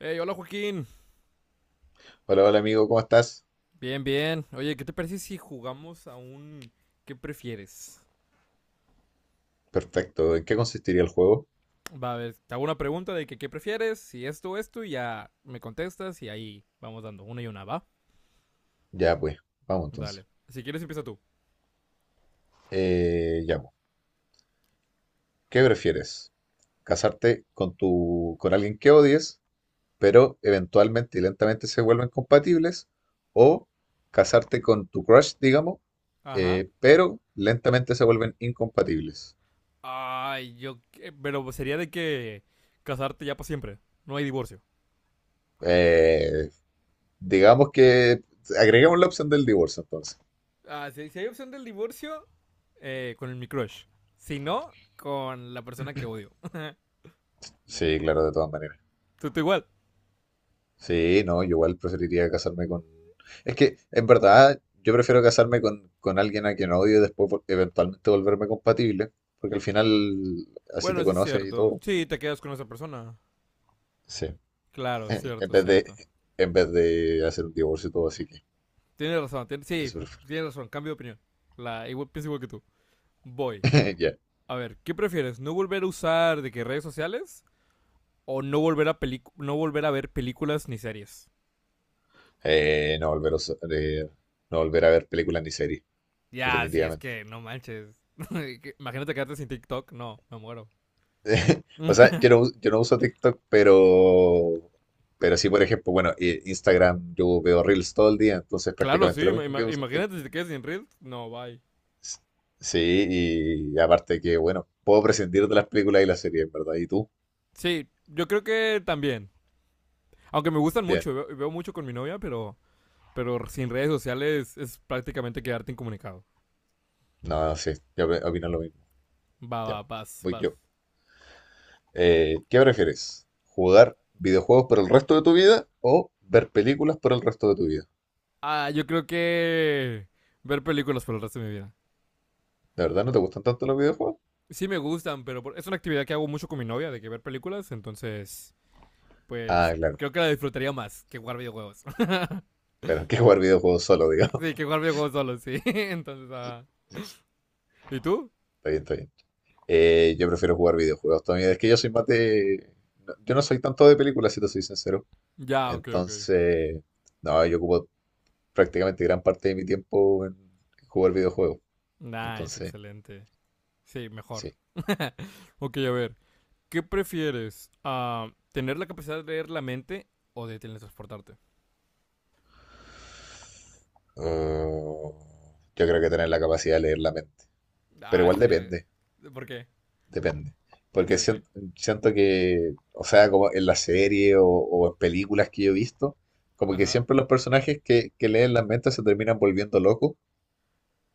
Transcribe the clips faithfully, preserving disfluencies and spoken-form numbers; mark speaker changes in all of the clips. Speaker 1: Hey, hola Joaquín.
Speaker 2: Hola, hola amigo, ¿cómo estás?
Speaker 1: Bien, bien. Oye, ¿qué te parece si jugamos a un ¿qué prefieres?
Speaker 2: Perfecto. ¿En qué consistiría el juego?
Speaker 1: Va a ver, te hago una pregunta de que ¿qué prefieres? Si esto, esto, y ya me contestas y ahí vamos dando una y una, ¿va?
Speaker 2: Ya pues, vamos entonces.
Speaker 1: Dale. Si quieres, empieza tú.
Speaker 2: Eh, ya pues. ¿Qué prefieres? ¿Casarte con tu, con alguien que odies, pero eventualmente y lentamente se vuelven compatibles? ¿O casarte con tu crush, digamos,
Speaker 1: Ajá.
Speaker 2: eh, pero lentamente se vuelven incompatibles?
Speaker 1: Ay, yo. qué- Pero sería de que casarte ya para siempre. No hay divorcio.
Speaker 2: Eh, digamos que agregamos la opción del divorcio entonces.
Speaker 1: Ah, si, si hay opción del divorcio, eh, con el mi crush. Si no, con la persona que odio.
Speaker 2: Sí, claro, de todas maneras.
Speaker 1: Tú, tú igual.
Speaker 2: Sí, no, yo igual preferiría casarme con... Es que, en verdad, yo prefiero casarme con, con alguien a quien odio y después vol- eventualmente volverme compatible, porque al final así
Speaker 1: Bueno,
Speaker 2: te
Speaker 1: sí es
Speaker 2: conoces y
Speaker 1: cierto.
Speaker 2: todo.
Speaker 1: Sí, te quedas con esa persona.
Speaker 2: Sí.
Speaker 1: Claro,
Speaker 2: En
Speaker 1: cierto,
Speaker 2: vez de,
Speaker 1: cierto.
Speaker 2: en vez de hacer un divorcio y todo, así que
Speaker 1: Tienes razón, tien- sí,
Speaker 2: eso prefiero.
Speaker 1: tienes razón, cambio de opinión. La, igual, pienso igual que tú. Voy.
Speaker 2: Ya.
Speaker 1: A ver, ¿qué prefieres? ¿No volver a usar de que redes sociales? ¿O no volver a pelic- no volver a ver películas ni series?
Speaker 2: Eh, no volver a, us- eh, no volver a ver películas ni series,
Speaker 1: Ya, sí, es
Speaker 2: definitivamente.
Speaker 1: que no manches. imagínate quedarte sin TikTok, no, me muero.
Speaker 2: O sea, yo no, yo no uso TikTok, pero... Pero sí, por ejemplo, bueno, eh, Instagram, yo veo Reels todo el día, entonces
Speaker 1: claro, sí,
Speaker 2: prácticamente lo mismo que
Speaker 1: ima-
Speaker 2: usar TikTok.
Speaker 1: imagínate si te quedas sin Reels, no, bye.
Speaker 2: S- Sí, y aparte que, bueno, puedo prescindir de las películas y las series, ¿verdad? ¿Y tú?
Speaker 1: Sí, yo creo que también. Aunque me gustan
Speaker 2: Bien.
Speaker 1: mucho, veo, veo mucho con mi novia, pero, pero sin redes sociales es prácticamente quedarte incomunicado.
Speaker 2: No, no, sí, yo opi- opino lo mismo.
Speaker 1: Va,
Speaker 2: Ya,
Speaker 1: va, vas,
Speaker 2: voy
Speaker 1: vas.
Speaker 2: yo. Eh, ¿qué prefieres? ¿Jugar videojuegos por el resto de tu vida o ver películas por el resto de tu vida?
Speaker 1: Ah, yo creo que ver películas por el resto de mi vida.
Speaker 2: ¿De verdad no te gustan tanto los videojuegos?
Speaker 1: Sí me gustan, pero por- es una actividad que hago mucho con mi novia, de que ver películas, entonces,
Speaker 2: Ah,
Speaker 1: pues,
Speaker 2: claro,
Speaker 1: creo que la disfrutaría más que jugar videojuegos.
Speaker 2: claro, que jugar videojuegos solo, digamos.
Speaker 1: sí, que jugar videojuegos solo, sí. entonces, ah.
Speaker 2: Está
Speaker 1: ¿Y tú?
Speaker 2: bien, está bien. Eh, yo prefiero jugar videojuegos también. Es que yo soy más de... No, yo no soy tanto de películas, si te soy sincero.
Speaker 1: Ya, ok, ok.
Speaker 2: Entonces, no, yo ocupo prácticamente gran parte de mi tiempo en jugar videojuegos.
Speaker 1: Nice,
Speaker 2: Entonces,
Speaker 1: excelente. Sí, mejor.
Speaker 2: sí.
Speaker 1: Ok, a ver, ¿qué prefieres? Ah, ¿tener la capacidad de leer la mente o de teletransportarte?
Speaker 2: Uh, yo creo que tener la capacidad de leer la mente. Pero
Speaker 1: Ah,
Speaker 2: igual
Speaker 1: estaría...
Speaker 2: depende,
Speaker 1: ¿Por qué?
Speaker 2: depende.
Speaker 1: ¿De qué,
Speaker 2: Porque
Speaker 1: de qué?
Speaker 2: siento, siento que, o sea, como en la serie o, o en películas que yo he visto, como que
Speaker 1: Ajá.
Speaker 2: siempre los personajes que, que leen las mentes se terminan volviendo locos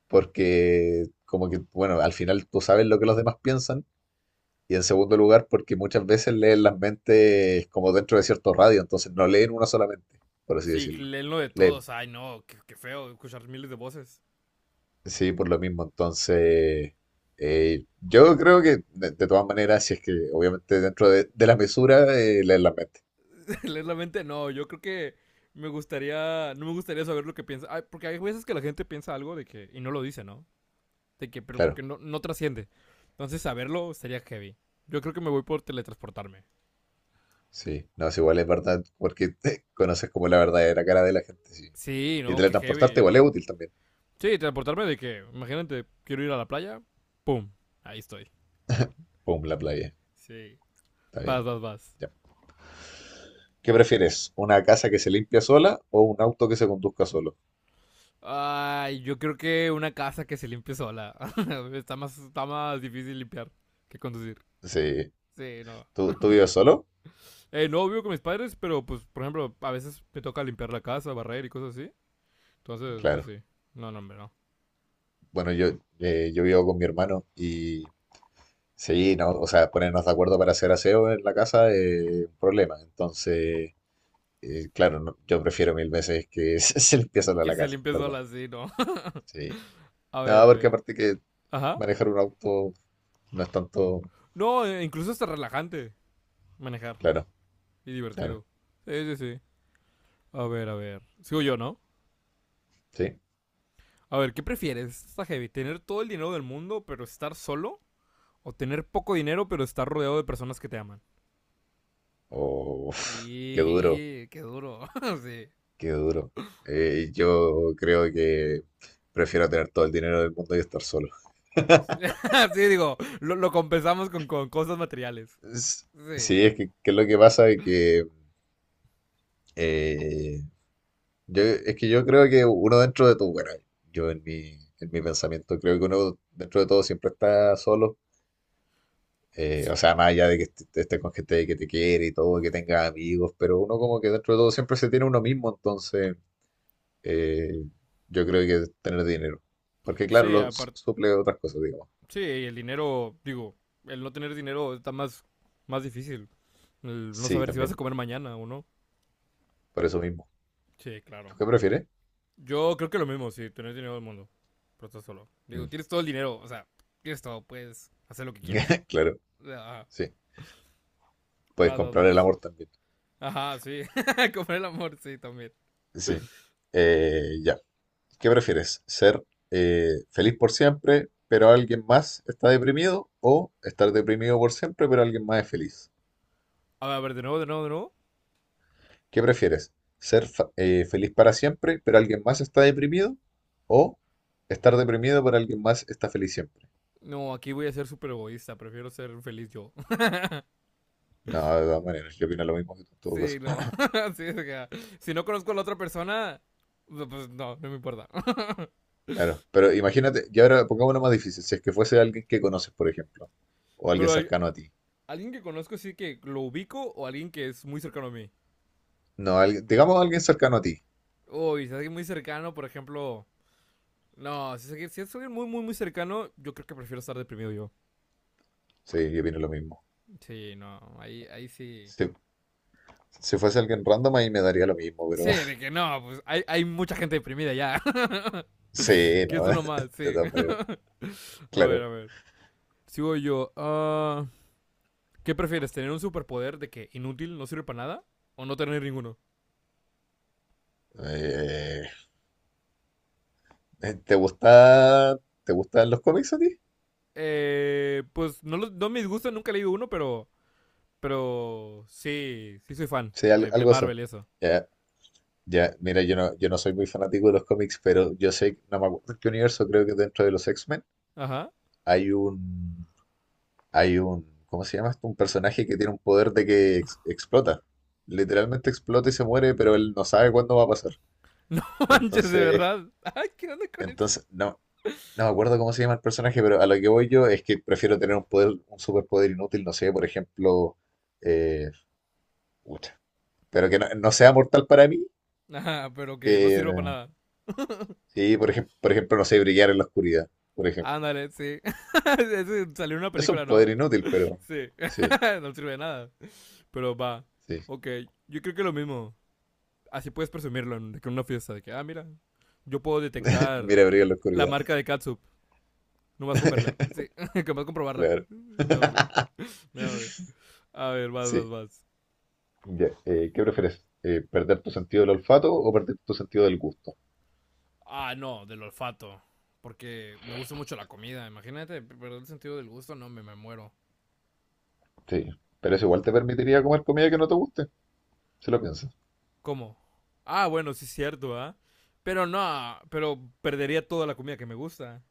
Speaker 2: porque como que, bueno, al final tú sabes lo que los demás piensan. Y en segundo lugar, porque muchas veces leen las mentes como dentro de cierto radio, entonces no leen una sola mente, por así
Speaker 1: Sí,
Speaker 2: decirlo.
Speaker 1: leen lo de
Speaker 2: Leen,
Speaker 1: todos. Ay, no, qué, qué feo escuchar miles de voces.
Speaker 2: sí, por lo mismo. Entonces, eh, yo creo que de, de todas maneras, si es que obviamente dentro de, de la mesura, eh, leen las mentes.
Speaker 1: leer la mente, no. Yo creo que me gustaría, no me gustaría saber lo que piensa. Ay, porque hay veces que la gente piensa algo de que, y no lo dice, ¿no? De que, pero que
Speaker 2: Claro,
Speaker 1: no, no trasciende. Entonces, saberlo sería heavy. Yo creo que me voy por teletransportarme.
Speaker 2: sí. No, es igual es verdad, porque te conoces como la verdadera cara de la gente, sí.
Speaker 1: Sí,
Speaker 2: Y
Speaker 1: no, qué
Speaker 2: teletransportarte igual
Speaker 1: heavy.
Speaker 2: es útil también.
Speaker 1: Sí, transportarme de que, imagínate, quiero ir a la playa, pum, ahí estoy.
Speaker 2: Pum, la playa.
Speaker 1: Sí.
Speaker 2: Está
Speaker 1: Vas,
Speaker 2: bien.
Speaker 1: vas, vas.
Speaker 2: Ya. ¿Qué prefieres? ¿Una casa que se limpia sola o un auto que se conduzca solo?
Speaker 1: Ay, yo creo que una casa que se limpie sola. está más, está más difícil limpiar que conducir.
Speaker 2: Sí,
Speaker 1: Sí, no.
Speaker 2: ¿Tú, tú vives solo?
Speaker 1: Eh, no vivo con mis padres, pero pues, por ejemplo, a veces me toca limpiar la casa, barrer y cosas así. Entonces, pues
Speaker 2: Claro.
Speaker 1: sí. No, no, hombre, no.
Speaker 2: Bueno, yo, eh, yo vivo con mi hermano y sí, no, o sea, ponernos de acuerdo para hacer aseo en la casa es un problema. Entonces, eh, claro, no, yo prefiero mil veces que se, se limpie sola
Speaker 1: Que
Speaker 2: la
Speaker 1: se
Speaker 2: casa, en
Speaker 1: limpie
Speaker 2: ¿verdad?
Speaker 1: sola sí, no.
Speaker 2: Sí.
Speaker 1: a ver,
Speaker 2: No,
Speaker 1: a
Speaker 2: porque
Speaker 1: ver.
Speaker 2: aparte que
Speaker 1: Ajá.
Speaker 2: manejar un auto no es tanto,
Speaker 1: No, eh, incluso hasta relajante manejar
Speaker 2: claro,
Speaker 1: y
Speaker 2: claro,
Speaker 1: divertido. Sí, sí, sí. A ver, a ver. Sigo yo, ¿no?
Speaker 2: sí.
Speaker 1: A ver, ¿qué prefieres? Está heavy. ¿Tener todo el dinero del mundo, pero estar solo? ¿O tener poco dinero, pero estar rodeado de personas que te aman?
Speaker 2: O qué duro,
Speaker 1: Y qué duro. sí.
Speaker 2: qué duro. Eh, yo creo que prefiero tener todo el dinero del mundo y estar solo.
Speaker 1: sí, digo, lo, lo compensamos con, con cosas materiales.
Speaker 2: Es-
Speaker 1: Sí.
Speaker 2: Sí, es que, que es lo que pasa es que eh, yo, es que yo creo que uno dentro de todo, bueno, yo en mi, en mi pensamiento creo que uno dentro de todo siempre está solo, eh, o
Speaker 1: Sí,
Speaker 2: sea, más allá de que est- estés con gente que te quiere y todo, que tengas amigos, pero uno como que dentro de todo siempre se tiene uno mismo, entonces eh, yo creo que tener dinero, porque claro,
Speaker 1: sí,
Speaker 2: lo su-
Speaker 1: aparte,
Speaker 2: suple otras cosas, digamos.
Speaker 1: sí, el dinero, digo, el no tener dinero está más, más difícil. El no
Speaker 2: Sí,
Speaker 1: saber si vas a
Speaker 2: también,
Speaker 1: comer mañana o no.
Speaker 2: por eso mismo.
Speaker 1: Sí,
Speaker 2: ¿Tú
Speaker 1: claro.
Speaker 2: qué prefieres?
Speaker 1: Yo creo que lo mismo, sí, tener dinero del mundo. Pero estás solo. Digo,
Speaker 2: Mm.
Speaker 1: tienes todo el dinero, o sea, tienes todo, puedes hacer lo que quieras.
Speaker 2: Claro,
Speaker 1: Ajá,
Speaker 2: sí, puedes
Speaker 1: vas, vas,
Speaker 2: comprar el
Speaker 1: vas.
Speaker 2: amor también.
Speaker 1: Ajá, sí. comer el amor, sí, también.
Speaker 2: Sí. Eh, ya. ¿Qué prefieres? ¿Ser eh, feliz por siempre, pero alguien más está deprimido? ¿O estar deprimido por siempre, pero alguien más es feliz?
Speaker 1: A ver, a ver, de nuevo, de nuevo, de nuevo.
Speaker 2: ¿Qué prefieres? ¿Ser fa- eh, feliz para siempre, pero alguien más está deprimido? ¿O estar deprimido, pero alguien más está feliz siempre?
Speaker 1: No, aquí voy a ser súper egoísta, prefiero ser feliz yo.
Speaker 2: No, de todas maneras, yo opino lo mismo que tú en todo
Speaker 1: Sí,
Speaker 2: caso.
Speaker 1: no. Sí, o sea, si no conozco a la otra persona, no, pues no, no me importa.
Speaker 2: Claro, pero imagínate, y ahora pongamos una más difícil, si es que fuese alguien que conoces, por ejemplo, o alguien
Speaker 1: Pero hay-
Speaker 2: cercano a ti.
Speaker 1: alguien que conozco sí que lo ubico o alguien que es muy cercano a mí.
Speaker 2: No, alguien, digamos alguien cercano a ti.
Speaker 1: Uy, si es alguien muy cercano, por ejemplo... No, si es, alguien, si es alguien muy, muy, muy cercano, yo creo que prefiero estar deprimido yo.
Speaker 2: Sí, yo opino lo mismo.
Speaker 1: Sí, no, ahí, ahí sí.
Speaker 2: Sí, si fuese alguien random ahí me daría lo mismo, pero
Speaker 1: Sí, de que no, pues hay, hay mucha gente deprimida ya.
Speaker 2: sí,
Speaker 1: que
Speaker 2: ¿no?
Speaker 1: es uno más,
Speaker 2: De
Speaker 1: sí.
Speaker 2: todas maneras,
Speaker 1: a ver,
Speaker 2: claro.
Speaker 1: a ver. Sigo yo. Ah... ¿Qué prefieres? ¿Tener un superpoder de que inútil, no sirve para nada? ¿O no tener ninguno?
Speaker 2: Eh, ¿Te gusta, te gustan los cómics a ti?
Speaker 1: Eh, pues no, no me disgusta, nunca he leído uno, pero. Pero. Sí, sí soy fan
Speaker 2: Sí, al-
Speaker 1: de, de
Speaker 2: algo así.
Speaker 1: Marvel y eso.
Speaker 2: Ya, ya, mira, yo no, yo no soy muy fanático de los cómics, pero yo sé, no me acuerdo en qué universo, creo que dentro de los X-Men
Speaker 1: Ajá.
Speaker 2: hay un, hay un, ¿cómo se llama esto? Un personaje que tiene un poder de que ex- explota. Literalmente explota y se muere, pero él no sabe cuándo va a pasar.
Speaker 1: No manches, de
Speaker 2: Entonces,
Speaker 1: verdad. Ay, ¿qué onda con eso?
Speaker 2: entonces, no, no me acuerdo cómo se llama el personaje, pero a lo que voy yo es que prefiero tener un poder, un superpoder inútil, no sé, por ejemplo, eh, pucha, pero que no, no sea mortal para mí,
Speaker 1: Ajá, pero que no
Speaker 2: que
Speaker 1: sirva para nada.
Speaker 2: sí, por ejemplo, por ejemplo, no sé, brillar en la oscuridad, por ejemplo.
Speaker 1: Ándale, sí. Ese salió en una
Speaker 2: Es un
Speaker 1: película, ¿no?
Speaker 2: poder inútil, pero
Speaker 1: Sí.
Speaker 2: sí,
Speaker 1: no sirve de nada. Pero va.
Speaker 2: sí.
Speaker 1: Ok, yo creo que lo mismo. Así puedes presumirlo de que en una fiesta. De que, ah, mira, yo puedo detectar
Speaker 2: Mira, brillar en la
Speaker 1: la
Speaker 2: oscuridad,
Speaker 1: marca de catsup. Nomás con verla. Sí, nomás comprobarla.
Speaker 2: claro,
Speaker 1: No, hombre. No, hombre. A ver, vas, vas,
Speaker 2: sí.
Speaker 1: vas.
Speaker 2: Ya, eh, ¿qué prefieres? Eh, ¿perder tu sentido del olfato o perder tu sentido del gusto?
Speaker 1: Ah, no, del olfato. Porque me gusta mucho la comida. Imagínate, perder el sentido del gusto, no, me, me muero.
Speaker 2: Sí, pero eso igual te permitiría comer comida que no te guste, si lo piensas.
Speaker 1: ¿Cómo? Ah, bueno, sí es cierto, ¿ah? ¿Eh? Pero no, pero perdería toda la comida que me gusta.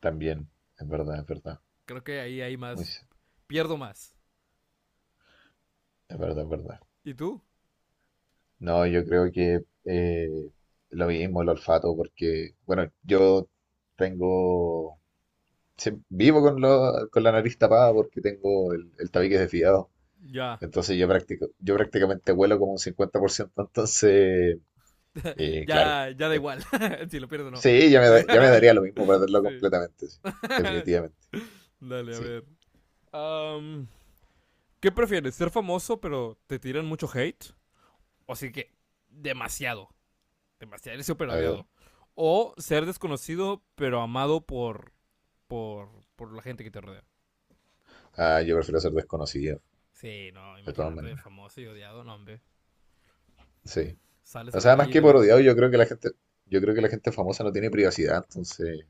Speaker 2: También, es verdad, es verdad.
Speaker 1: Creo que ahí hay
Speaker 2: Muy,
Speaker 1: más. Pierdo más.
Speaker 2: es verdad, es verdad.
Speaker 1: ¿Y tú?
Speaker 2: No, yo creo que eh, lo mismo, el olfato, porque, bueno, yo tengo, sí, vivo con, lo- con la nariz tapada porque tengo el, el tabique desviado.
Speaker 1: Ya.
Speaker 2: Entonces yo, practico, yo prácticamente huelo como un cincuenta por ciento. Entonces, eh, claro.
Speaker 1: Ya, ya da
Speaker 2: eh,
Speaker 1: igual. si lo pierdo no.
Speaker 2: sí, ya me,
Speaker 1: Sí,
Speaker 2: da- ya me daría
Speaker 1: ya.
Speaker 2: lo mismo perderlo
Speaker 1: Sí.
Speaker 2: completamente, sí, definitivamente.
Speaker 1: Dale, a
Speaker 2: Sí,
Speaker 1: ver. Am, ¿Qué prefieres? ¿Ser famoso pero te tiran mucho hate? O sea que demasiado, demasiado, eres súper
Speaker 2: a ver.
Speaker 1: odiado. O ser desconocido pero amado por, por, por la gente que te rodea.
Speaker 2: Ah, yo prefiero ser desconocido,
Speaker 1: Sí, no,
Speaker 2: de todas
Speaker 1: imagínate,
Speaker 2: maneras.
Speaker 1: famoso y odiado, no, hombre.
Speaker 2: Sí.
Speaker 1: Sales
Speaker 2: O
Speaker 1: a la
Speaker 2: sea, más
Speaker 1: calle y te
Speaker 2: que por odiado,
Speaker 1: avientan.
Speaker 2: yo creo que la gente, yo creo que la gente famosa no tiene privacidad, entonces,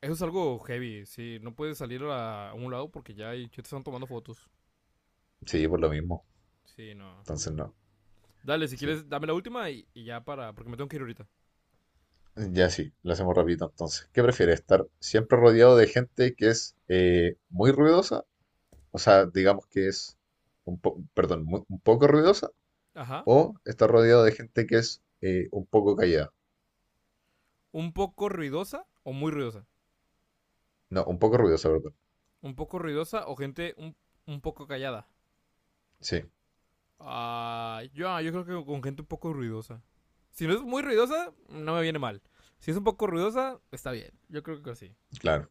Speaker 1: Eso es algo heavy, sí. No puedes salir a, a un lado porque ya, hay, te están tomando fotos.
Speaker 2: sí, por lo mismo.
Speaker 1: Sí, no.
Speaker 2: Entonces, no,
Speaker 1: Dale, si
Speaker 2: sí.
Speaker 1: quieres, dame la última y, y ya para, porque me tengo que ir ahorita.
Speaker 2: Ya sí, lo hacemos rapidito entonces. ¿Qué prefieres? ¿Estar siempre rodeado de gente que es eh, muy ruidosa? O sea, digamos que es un po- perdón, muy- un poco ruidosa,
Speaker 1: Ajá.
Speaker 2: o estar rodeado de gente que es eh, un poco callada.
Speaker 1: ¿Un poco ruidosa o muy ruidosa?
Speaker 2: No, un poco ruidosa, perdón.
Speaker 1: ¿Un poco ruidosa o gente un, un poco callada?
Speaker 2: Sí,
Speaker 1: Ah, yo, ah, yo creo que con gente un poco ruidosa. Si no es muy ruidosa, no me viene mal. Si es un poco ruidosa, está bien. Yo creo que sí.
Speaker 2: claro,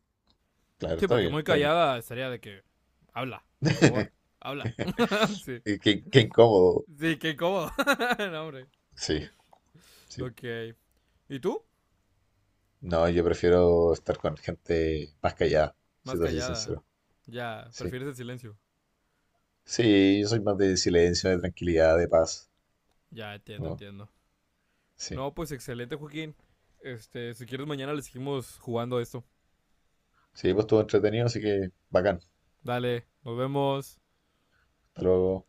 Speaker 2: claro,
Speaker 1: Sí,
Speaker 2: está
Speaker 1: porque
Speaker 2: bien,
Speaker 1: muy
Speaker 2: está bien.
Speaker 1: callada estaría de que habla, por favor, habla. sí.
Speaker 2: Qué, qué incómodo.
Speaker 1: Sí, qué cómodo. no, hombre.
Speaker 2: Sí, sí,
Speaker 1: Ok. ¿Y tú?
Speaker 2: no, yo prefiero estar con gente más callada,
Speaker 1: Más
Speaker 2: si te soy
Speaker 1: callada.
Speaker 2: sincero.
Speaker 1: Ya,
Speaker 2: Sí.
Speaker 1: prefieres el silencio.
Speaker 2: Sí, yo soy más de silencio, de tranquilidad, de paz.
Speaker 1: Ya, entiendo,
Speaker 2: ¿No?
Speaker 1: entiendo.
Speaker 2: Sí.
Speaker 1: No, pues excelente, Joaquín. Este, si quieres mañana le seguimos jugando a esto.
Speaker 2: Sí, pues estuvo entretenido, así que bacán.
Speaker 1: Dale, nos vemos.
Speaker 2: Hasta luego.